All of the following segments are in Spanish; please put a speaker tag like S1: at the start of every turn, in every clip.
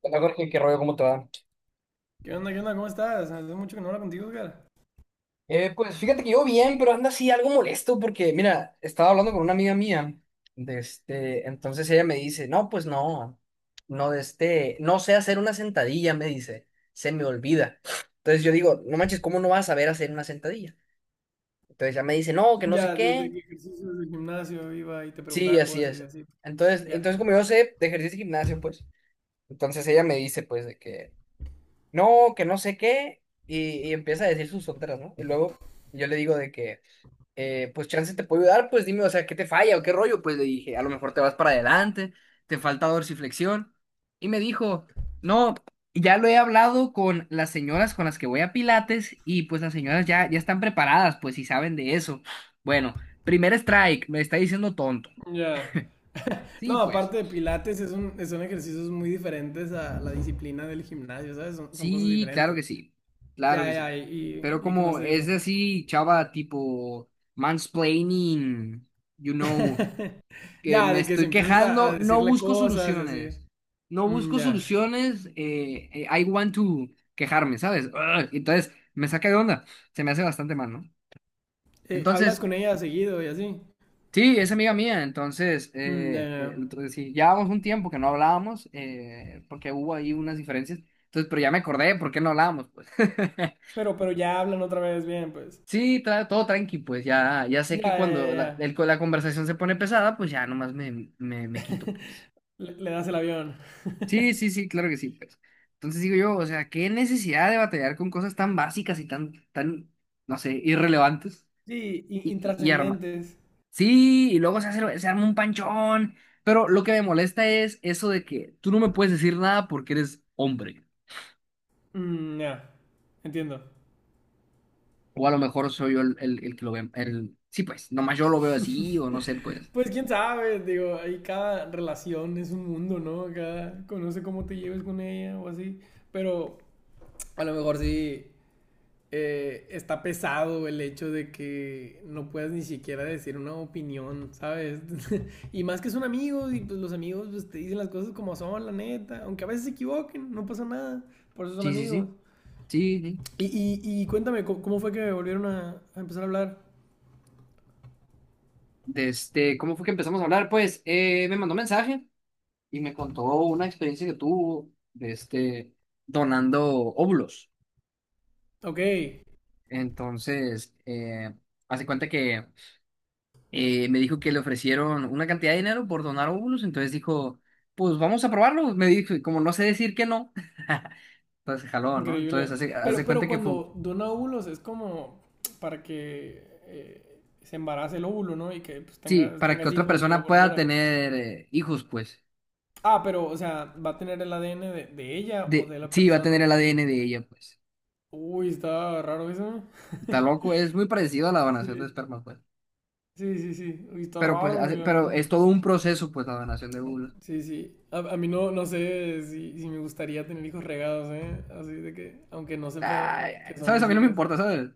S1: Hola Jorge, qué rollo, ¿cómo te va?
S2: ¿Qué onda? ¿Qué onda? ¿Cómo estás? Hace mucho que no hablo contigo, Edgar.
S1: Pues fíjate que yo bien, pero anda así algo molesto porque, mira, estaba hablando con una amiga mía, de este, entonces ella me dice, no, pues no, no de este, no sé hacer una sentadilla, me dice, se me olvida. Entonces yo digo, no manches, ¿cómo no vas a saber hacer una sentadilla? Entonces ella me dice, no, que no sé
S2: Ya, desde
S1: qué.
S2: que ejercicios del gimnasio iba y te
S1: Sí,
S2: preguntaba
S1: así
S2: cosas y
S1: es.
S2: así.
S1: Entonces,
S2: Ya,
S1: entonces como yo sé de ejercicio y gimnasio, pues, entonces ella me dice, pues, de que no sé qué, y empieza a decir sus tonteras, ¿no? Y luego yo le digo de que... pues chance te puedo ayudar, pues dime, o sea, ¿qué te falla o qué rollo? Pues le dije, a lo mejor te vas para adelante, te falta dorsiflexión. Y me dijo, no, ya lo he hablado con las señoras con las que voy a Pilates y pues las señoras ya, ya están preparadas, pues si saben de eso. Bueno, primer strike, me está diciendo tonto.
S2: ya.
S1: Sí,
S2: No,
S1: pues,
S2: aparte de pilates, es un, son ejercicios muy diferentes a la disciplina del gimnasio, ¿sabes? Son, son cosas
S1: sí, claro
S2: diferentes.
S1: que sí, claro que
S2: Ya, ya,
S1: sí.
S2: y,
S1: Pero
S2: y, y ¿qué más
S1: como
S2: te
S1: es
S2: dijo?
S1: de así, chava, tipo mansplaining, you know. Que
S2: Ya,
S1: me
S2: de que si
S1: estoy
S2: empiezas a
S1: quejando, no
S2: decirle
S1: busco
S2: cosas y así.
S1: soluciones. No
S2: Mm,
S1: busco
S2: ya.
S1: soluciones, I want to quejarme, ¿sabes? Ugh, entonces, me saca de onda. Se me hace bastante mal, ¿no?
S2: Hablas
S1: Entonces,
S2: con ella seguido y así.
S1: sí, es amiga mía. Entonces,
S2: Mm, ya,
S1: eh,
S2: ya,
S1: eh,
S2: ya.
S1: entonces sí, llevábamos un tiempo que no hablábamos, porque hubo ahí unas diferencias. Entonces, pero ya me acordé por qué no hablábamos, pues.
S2: Pero ya hablan otra vez bien, pues.
S1: Sí, todo tranqui, pues ya, ya sé que
S2: Ya, ya,
S1: cuando la,
S2: ya.
S1: el- la conversación se pone pesada, pues ya nomás me
S2: Ya.
S1: quito, pues.
S2: Le das el avión.
S1: Sí, sí, sí, claro que sí, pues. Entonces digo yo, o sea, qué necesidad de batallar con cosas tan básicas y tan, tan, no sé, irrelevantes
S2: Sí,
S1: y, y arma.
S2: intrascendentes.
S1: Sí, y luego se hace, se arma un panchón. Pero lo que me molesta es eso de que tú no me puedes decir nada porque eres hombre.
S2: Mm, ya, entiendo.
S1: O a lo mejor soy yo el que lo ve, el, sí, pues, nomás yo lo veo así, o no sé, pues.
S2: Pues quién sabe, digo, ahí cada relación es un mundo, ¿no? Cada conoce cómo te lleves con ella o así. Pero a lo mejor sí está pesado el hecho de que no puedas ni siquiera decir una opinión, ¿sabes? Y más que son amigos y pues los amigos pues, te dicen las cosas como son, la neta. Aunque a veces se equivoquen, no pasa nada. Por eso son
S1: Sí, sí, sí,
S2: amigos.
S1: sí, sí.
S2: Y cuéntame, ¿cómo, cómo fue que volvieron a empezar a hablar?
S1: De este, ¿cómo fue que empezamos a hablar? Pues, me mandó mensaje. Y me contó una experiencia que tuvo de este donando óvulos.
S2: Ok,
S1: Entonces, hace cuenta que me dijo que le ofrecieron una cantidad de dinero por donar óvulos, entonces dijo, pues vamos a probarlo. Me dijo, y como no sé decir que no, entonces jaló, ¿no? Entonces,
S2: increíble.
S1: hace, hace
S2: Pero
S1: cuenta que fue, un-
S2: cuando dona óvulos es como para que se embarace el óvulo, ¿no? Y que pues,
S1: sí,
S2: tengas,
S1: para que
S2: tengas
S1: otra
S2: hijos, pero
S1: persona
S2: por
S1: pueda
S2: fuera.
S1: tener hijos, pues,
S2: Ah, pero, o sea, ¿va a tener el ADN de ella o
S1: de,
S2: de la
S1: sí, va a tener
S2: persona?
S1: el ADN de ella, pues.
S2: Uy, está raro eso.
S1: Está loco, es muy parecido a la
S2: Sí,
S1: donación de esperma, pues.
S2: sí, sí, sí. Uy, está
S1: Pero pues,
S2: raro,
S1: hace-
S2: güey, a mí.
S1: pero es todo un proceso, pues, la donación de óvulos.
S2: Sí, sí. A mí no, no sé si, si me gustaría tener hijos regados, ¿eh? Así de que, aunque no sepa
S1: Ay,
S2: que son
S1: ¿sabes? A
S2: mis
S1: mí no me
S2: hijos.
S1: importa, ¿sabes?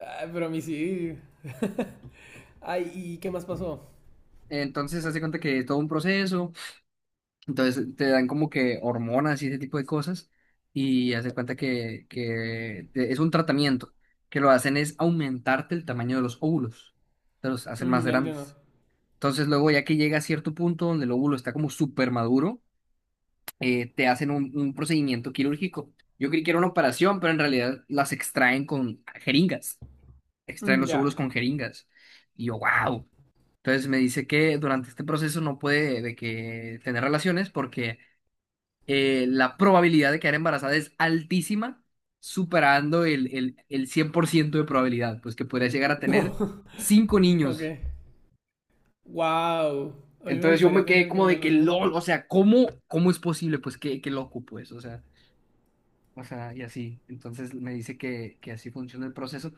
S2: Ay, pero a mí sí. Ay, ¿y qué más pasó?
S1: Entonces, hace cuenta que es todo un proceso. Entonces, te dan como que hormonas y ese tipo de cosas. Y hace cuenta que te- es un tratamiento. Que lo hacen es aumentarte el tamaño de los óvulos. Te los hacen más
S2: Mm, ya entiendo.
S1: grandes. Entonces, luego, ya que llega a cierto punto donde el óvulo está como súper maduro, te hacen un procedimiento quirúrgico. Yo creí que era una operación, pero en realidad las extraen con jeringas. Extraen
S2: Mm,
S1: los
S2: ya.
S1: óvulos con jeringas. Y yo, wow. Entonces me dice que durante este proceso no puede de que tener relaciones porque la probabilidad de quedar embarazada es altísima, superando el 100% de probabilidad, pues que podría llegar a tener cinco
S2: Ok.
S1: niños.
S2: Wow. A mí me
S1: Entonces yo me
S2: gustaría
S1: quedé
S2: tener
S1: como de que
S2: gemelos, ¿eh?
S1: LOL, o sea, ¿cómo es posible? Pues qué loco, pues, o sea, y así. Entonces me dice que así funciona el proceso.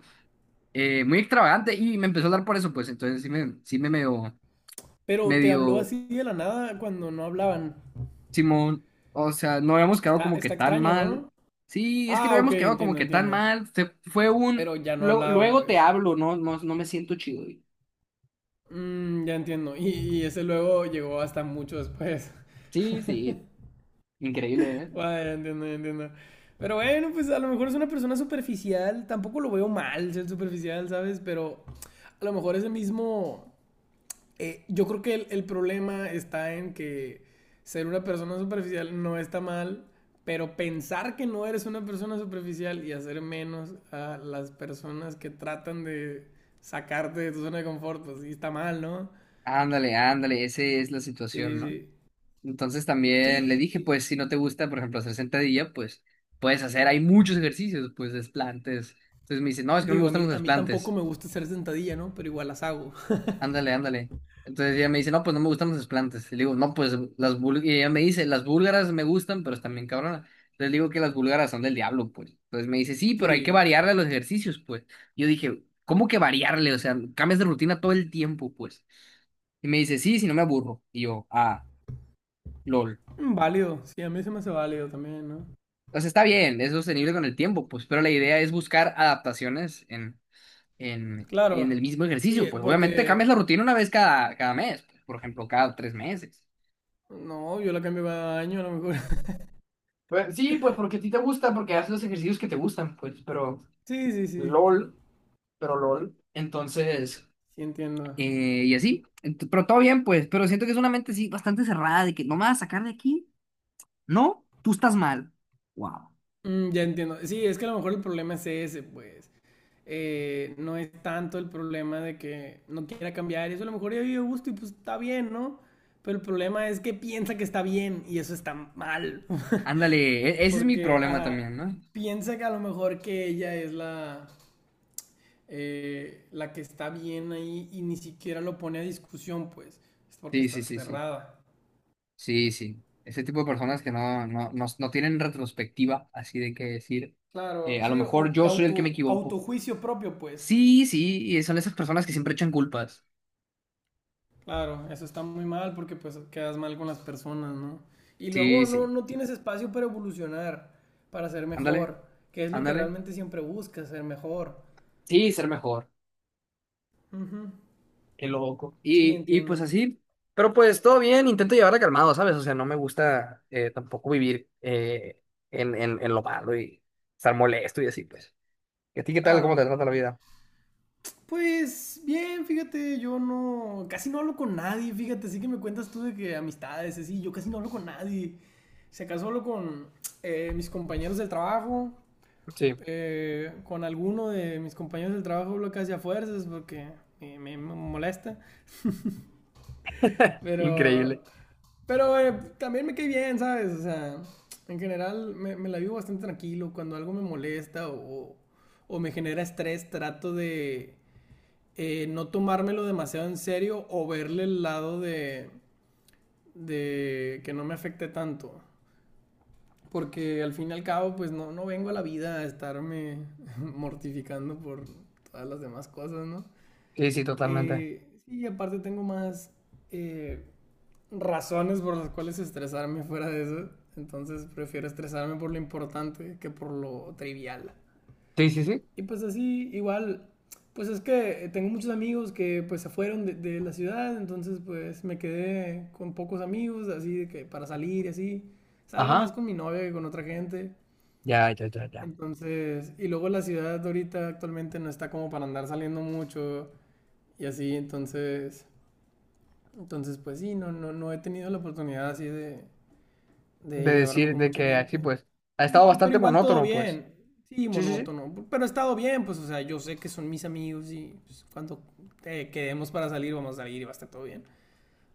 S1: Muy extravagante y me empezó a hablar por eso, pues entonces sí me medio,
S2: Pero te habló
S1: medio
S2: así de la nada cuando no hablaban.
S1: Simón, o sea, no habíamos quedado
S2: Está,
S1: como que
S2: está
S1: tan
S2: extraño,
S1: mal.
S2: ¿no?
S1: Sí, es que no
S2: Ah, ok,
S1: habíamos quedado como
S2: entiendo,
S1: que tan
S2: entiendo.
S1: mal. Se, fue un...
S2: Pero ya no
S1: lo-
S2: hablaban,
S1: luego te
S2: pues.
S1: hablo, no, no, no me siento chido, güey.
S2: Mm, ya entiendo. Y ese luego llegó hasta mucho después.
S1: Sí, sí, increíble, ¿eh?
S2: Wow, ya entiendo, ya entiendo. Pero bueno, pues a lo mejor es una persona superficial. Tampoco lo veo mal ser superficial, ¿sabes? Pero a lo mejor ese mismo yo creo que el problema está en que ser una persona superficial no está mal, pero pensar que no eres una persona superficial y hacer menos a las personas que tratan de sacarte de tu zona de confort, pues sí está mal, ¿no?
S1: Ándale, ándale, esa es la
S2: Sí,
S1: situación, ¿no?
S2: sí.
S1: Entonces también le
S2: Sí,
S1: dije,
S2: sí.
S1: pues si no te gusta, por ejemplo, hacer sentadilla, pues puedes hacer, hay muchos ejercicios, pues desplantes. Entonces me dice, no, es que no me
S2: Digo,
S1: gustan los
S2: a mí tampoco
S1: desplantes.
S2: me gusta hacer sentadilla, ¿no? Pero igual las hago.
S1: Ándale, ándale. Entonces ella me dice, no, pues no me gustan los desplantes. Y le digo, no, pues las búlgaras. Y ella me dice, las búlgaras me gustan, pero están bien cabronas. Les digo que las búlgaras son del diablo, pues. Entonces me dice, sí, pero hay que
S2: Sí.
S1: variarle a los ejercicios, pues. Yo dije, ¿cómo que variarle? O sea, cambias de rutina todo el tiempo, pues. Y me dice, sí, si no me aburro. Y yo, ah, lol.
S2: Mm, válido. Sí, a mí se me hace válido también, ¿no?
S1: Entonces está bien, es sostenible con el tiempo, pues. Pero la idea es buscar adaptaciones en, en
S2: Claro.
S1: el mismo
S2: Sí,
S1: ejercicio, pues. Obviamente
S2: porque...
S1: cambias la rutina una vez cada, cada mes, pues, por ejemplo, cada 3 meses.
S2: No, yo la cambio cada año a lo mejor.
S1: Pues, sí, pues porque a ti te gusta, porque haces los ejercicios que te gustan, pues, pero
S2: Sí, sí, sí.
S1: LOL, pero LOL. Entonces,
S2: Sí, entiendo.
S1: y así, Ent- pero todo bien, pues, pero siento que es una mente, sí, bastante cerrada, de que no me vas a sacar de aquí, no, tú estás mal. Wow.
S2: Mm, ya entiendo. Sí, es que a lo mejor el problema es ese, pues. No es tanto el problema de que no quiera cambiar. Eso a lo mejor ya vive a gusto y pues está bien, ¿no? Pero el problema es que piensa que está bien y eso está mal.
S1: Ándale, e- ese es mi
S2: Porque,
S1: problema
S2: ajá,
S1: también, ¿no?
S2: piensa que a lo mejor que ella es la, la que está bien ahí y ni siquiera lo pone a discusión, pues. Es porque
S1: Sí,
S2: está
S1: sí, sí, sí.
S2: cerrada.
S1: Sí, sí. Ese tipo de personas que no tienen retrospectiva, así de que decir,
S2: Claro,
S1: a lo
S2: sí,
S1: mejor
S2: o y
S1: yo soy el
S2: auto,
S1: que me equivoco.
S2: autojuicio propio, pues.
S1: Sí, sí, y son esas personas que siempre echan culpas.
S2: Claro, eso está muy mal porque pues quedas mal con las personas, ¿no? Y
S1: Sí,
S2: luego no,
S1: sí.
S2: no tienes espacio para evolucionar, para ser
S1: Ándale.
S2: mejor, que es lo que
S1: Ándale.
S2: realmente siempre buscas, ser mejor.
S1: Sí, ser mejor.
S2: Ujú.
S1: Qué loco.
S2: Sí,
S1: Y pues
S2: entiendo.
S1: así, pero pues todo bien, intento llevarla calmado, ¿sabes? O sea, no me gusta tampoco vivir en, en lo malo y estar molesto y así, pues. ¿Y a ti qué tal? ¿Cómo
S2: Claro.
S1: te trata la vida?
S2: Pues bien, fíjate, yo no, casi no hablo con nadie, fíjate, sí que me cuentas tú de que amistades, así, yo casi no hablo con nadie. Se casó solo con mis compañeros del trabajo,
S1: Sí,
S2: con alguno de mis compañeros del trabajo lo que hacía fuerzas porque me, me molesta. Pero,
S1: increíble.
S2: pero también me cae bien, ¿sabes? O sea, en general me, me la vivo bastante tranquilo. Cuando algo me molesta o me genera estrés, trato de no tomármelo demasiado en serio o verle el lado de que no me afecte tanto. Porque al fin y al cabo, pues no, no vengo a la vida a estarme mortificando por todas las demás cosas, ¿no?
S1: Sí, sí, totalmente.
S2: Sí, aparte tengo más eh, razones por las cuales estresarme fuera de eso. Entonces prefiero estresarme por lo importante que por lo trivial.
S1: Sí, sí, sí.
S2: Y pues así, igual, pues es que tengo muchos amigos que pues se fueron de la ciudad, entonces pues me quedé con pocos amigos, así de que para salir y así. Salgo más
S1: Ajá.
S2: con mi novia que con otra gente.
S1: Ya, ya, ya, ya.
S2: Entonces, y luego la ciudad ahorita actualmente no está como para andar saliendo mucho y así, entonces, entonces pues sí, no, no, no he tenido la oportunidad así
S1: De
S2: de llevarme
S1: decir
S2: con
S1: de
S2: mucha
S1: que así,
S2: gente.
S1: pues, ha estado
S2: Y, pero
S1: bastante
S2: igual todo
S1: monótono, pues.
S2: bien. Sí,
S1: Sí, sí, sí.
S2: monótono. Pero he estado bien, pues, o sea, yo sé que son mis amigos y pues, cuando quedemos para salir, vamos a salir y va a estar todo bien.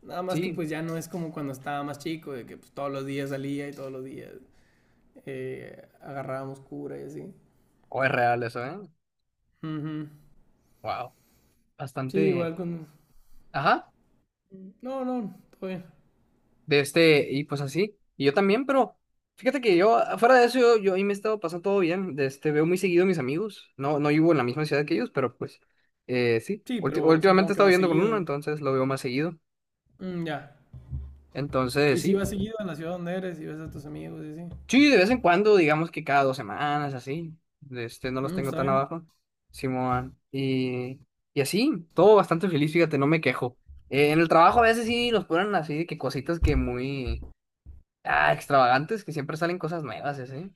S2: Nada más que
S1: Sí,
S2: pues ya no es como cuando estaba más chico, de que pues, todos los días salía y todos los días agarrábamos cura y así.
S1: o es real eso, ¿eh?
S2: Ujú.
S1: Wow.
S2: Sí, igual
S1: Bastante.
S2: con...
S1: Ajá.
S2: No, no, todo bien.
S1: De este, y pues así. Y yo también, pero fíjate que yo, fuera de eso, yo ahí me he estado pasando todo bien. De este, veo muy seguido a mis amigos. No, no vivo en la misma ciudad que ellos, pero pues sí.
S2: Sí,
S1: Ulti-
S2: pero
S1: últimamente
S2: supongo
S1: he
S2: que
S1: estado
S2: va
S1: viviendo con uno,
S2: seguido.
S1: entonces lo veo más seguido.
S2: Mm, ya.
S1: Entonces,
S2: Y si
S1: sí.
S2: vas seguido a la ciudad donde eres y ves a tus amigos y así.
S1: Sí, de vez en cuando, digamos que cada 2 semanas, así. De este, no los
S2: Mm,
S1: tengo
S2: está
S1: tan
S2: bien.
S1: abajo. Simón. Y así, todo bastante feliz, fíjate, no me quejo. En el trabajo a veces sí nos ponen así, de que cositas que muy ah, extravagantes, que siempre salen cosas nuevas, y así.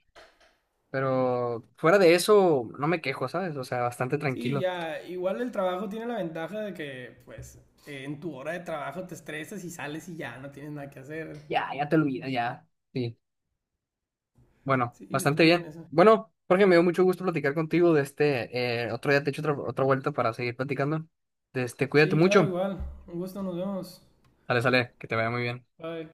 S1: Pero fuera de eso, no me quejo, ¿sabes? O sea, bastante
S2: Sí,
S1: tranquilo.
S2: ya, igual el trabajo tiene la ventaja de que, pues, en tu hora de trabajo te estresas y sales y ya no tienes nada que hacer.
S1: Ya, ya te olvidas, ya. Sí. Bueno,
S2: Sí,
S1: bastante
S2: está bien
S1: bien.
S2: eso.
S1: Bueno, Jorge, me dio mucho gusto platicar contigo de este. Otro día te echo otra vuelta para seguir platicando. De este, cuídate
S2: Sí, claro,
S1: mucho.
S2: igual. Un gusto, nos vemos.
S1: Sale, sale, que te vaya muy bien.
S2: Bye.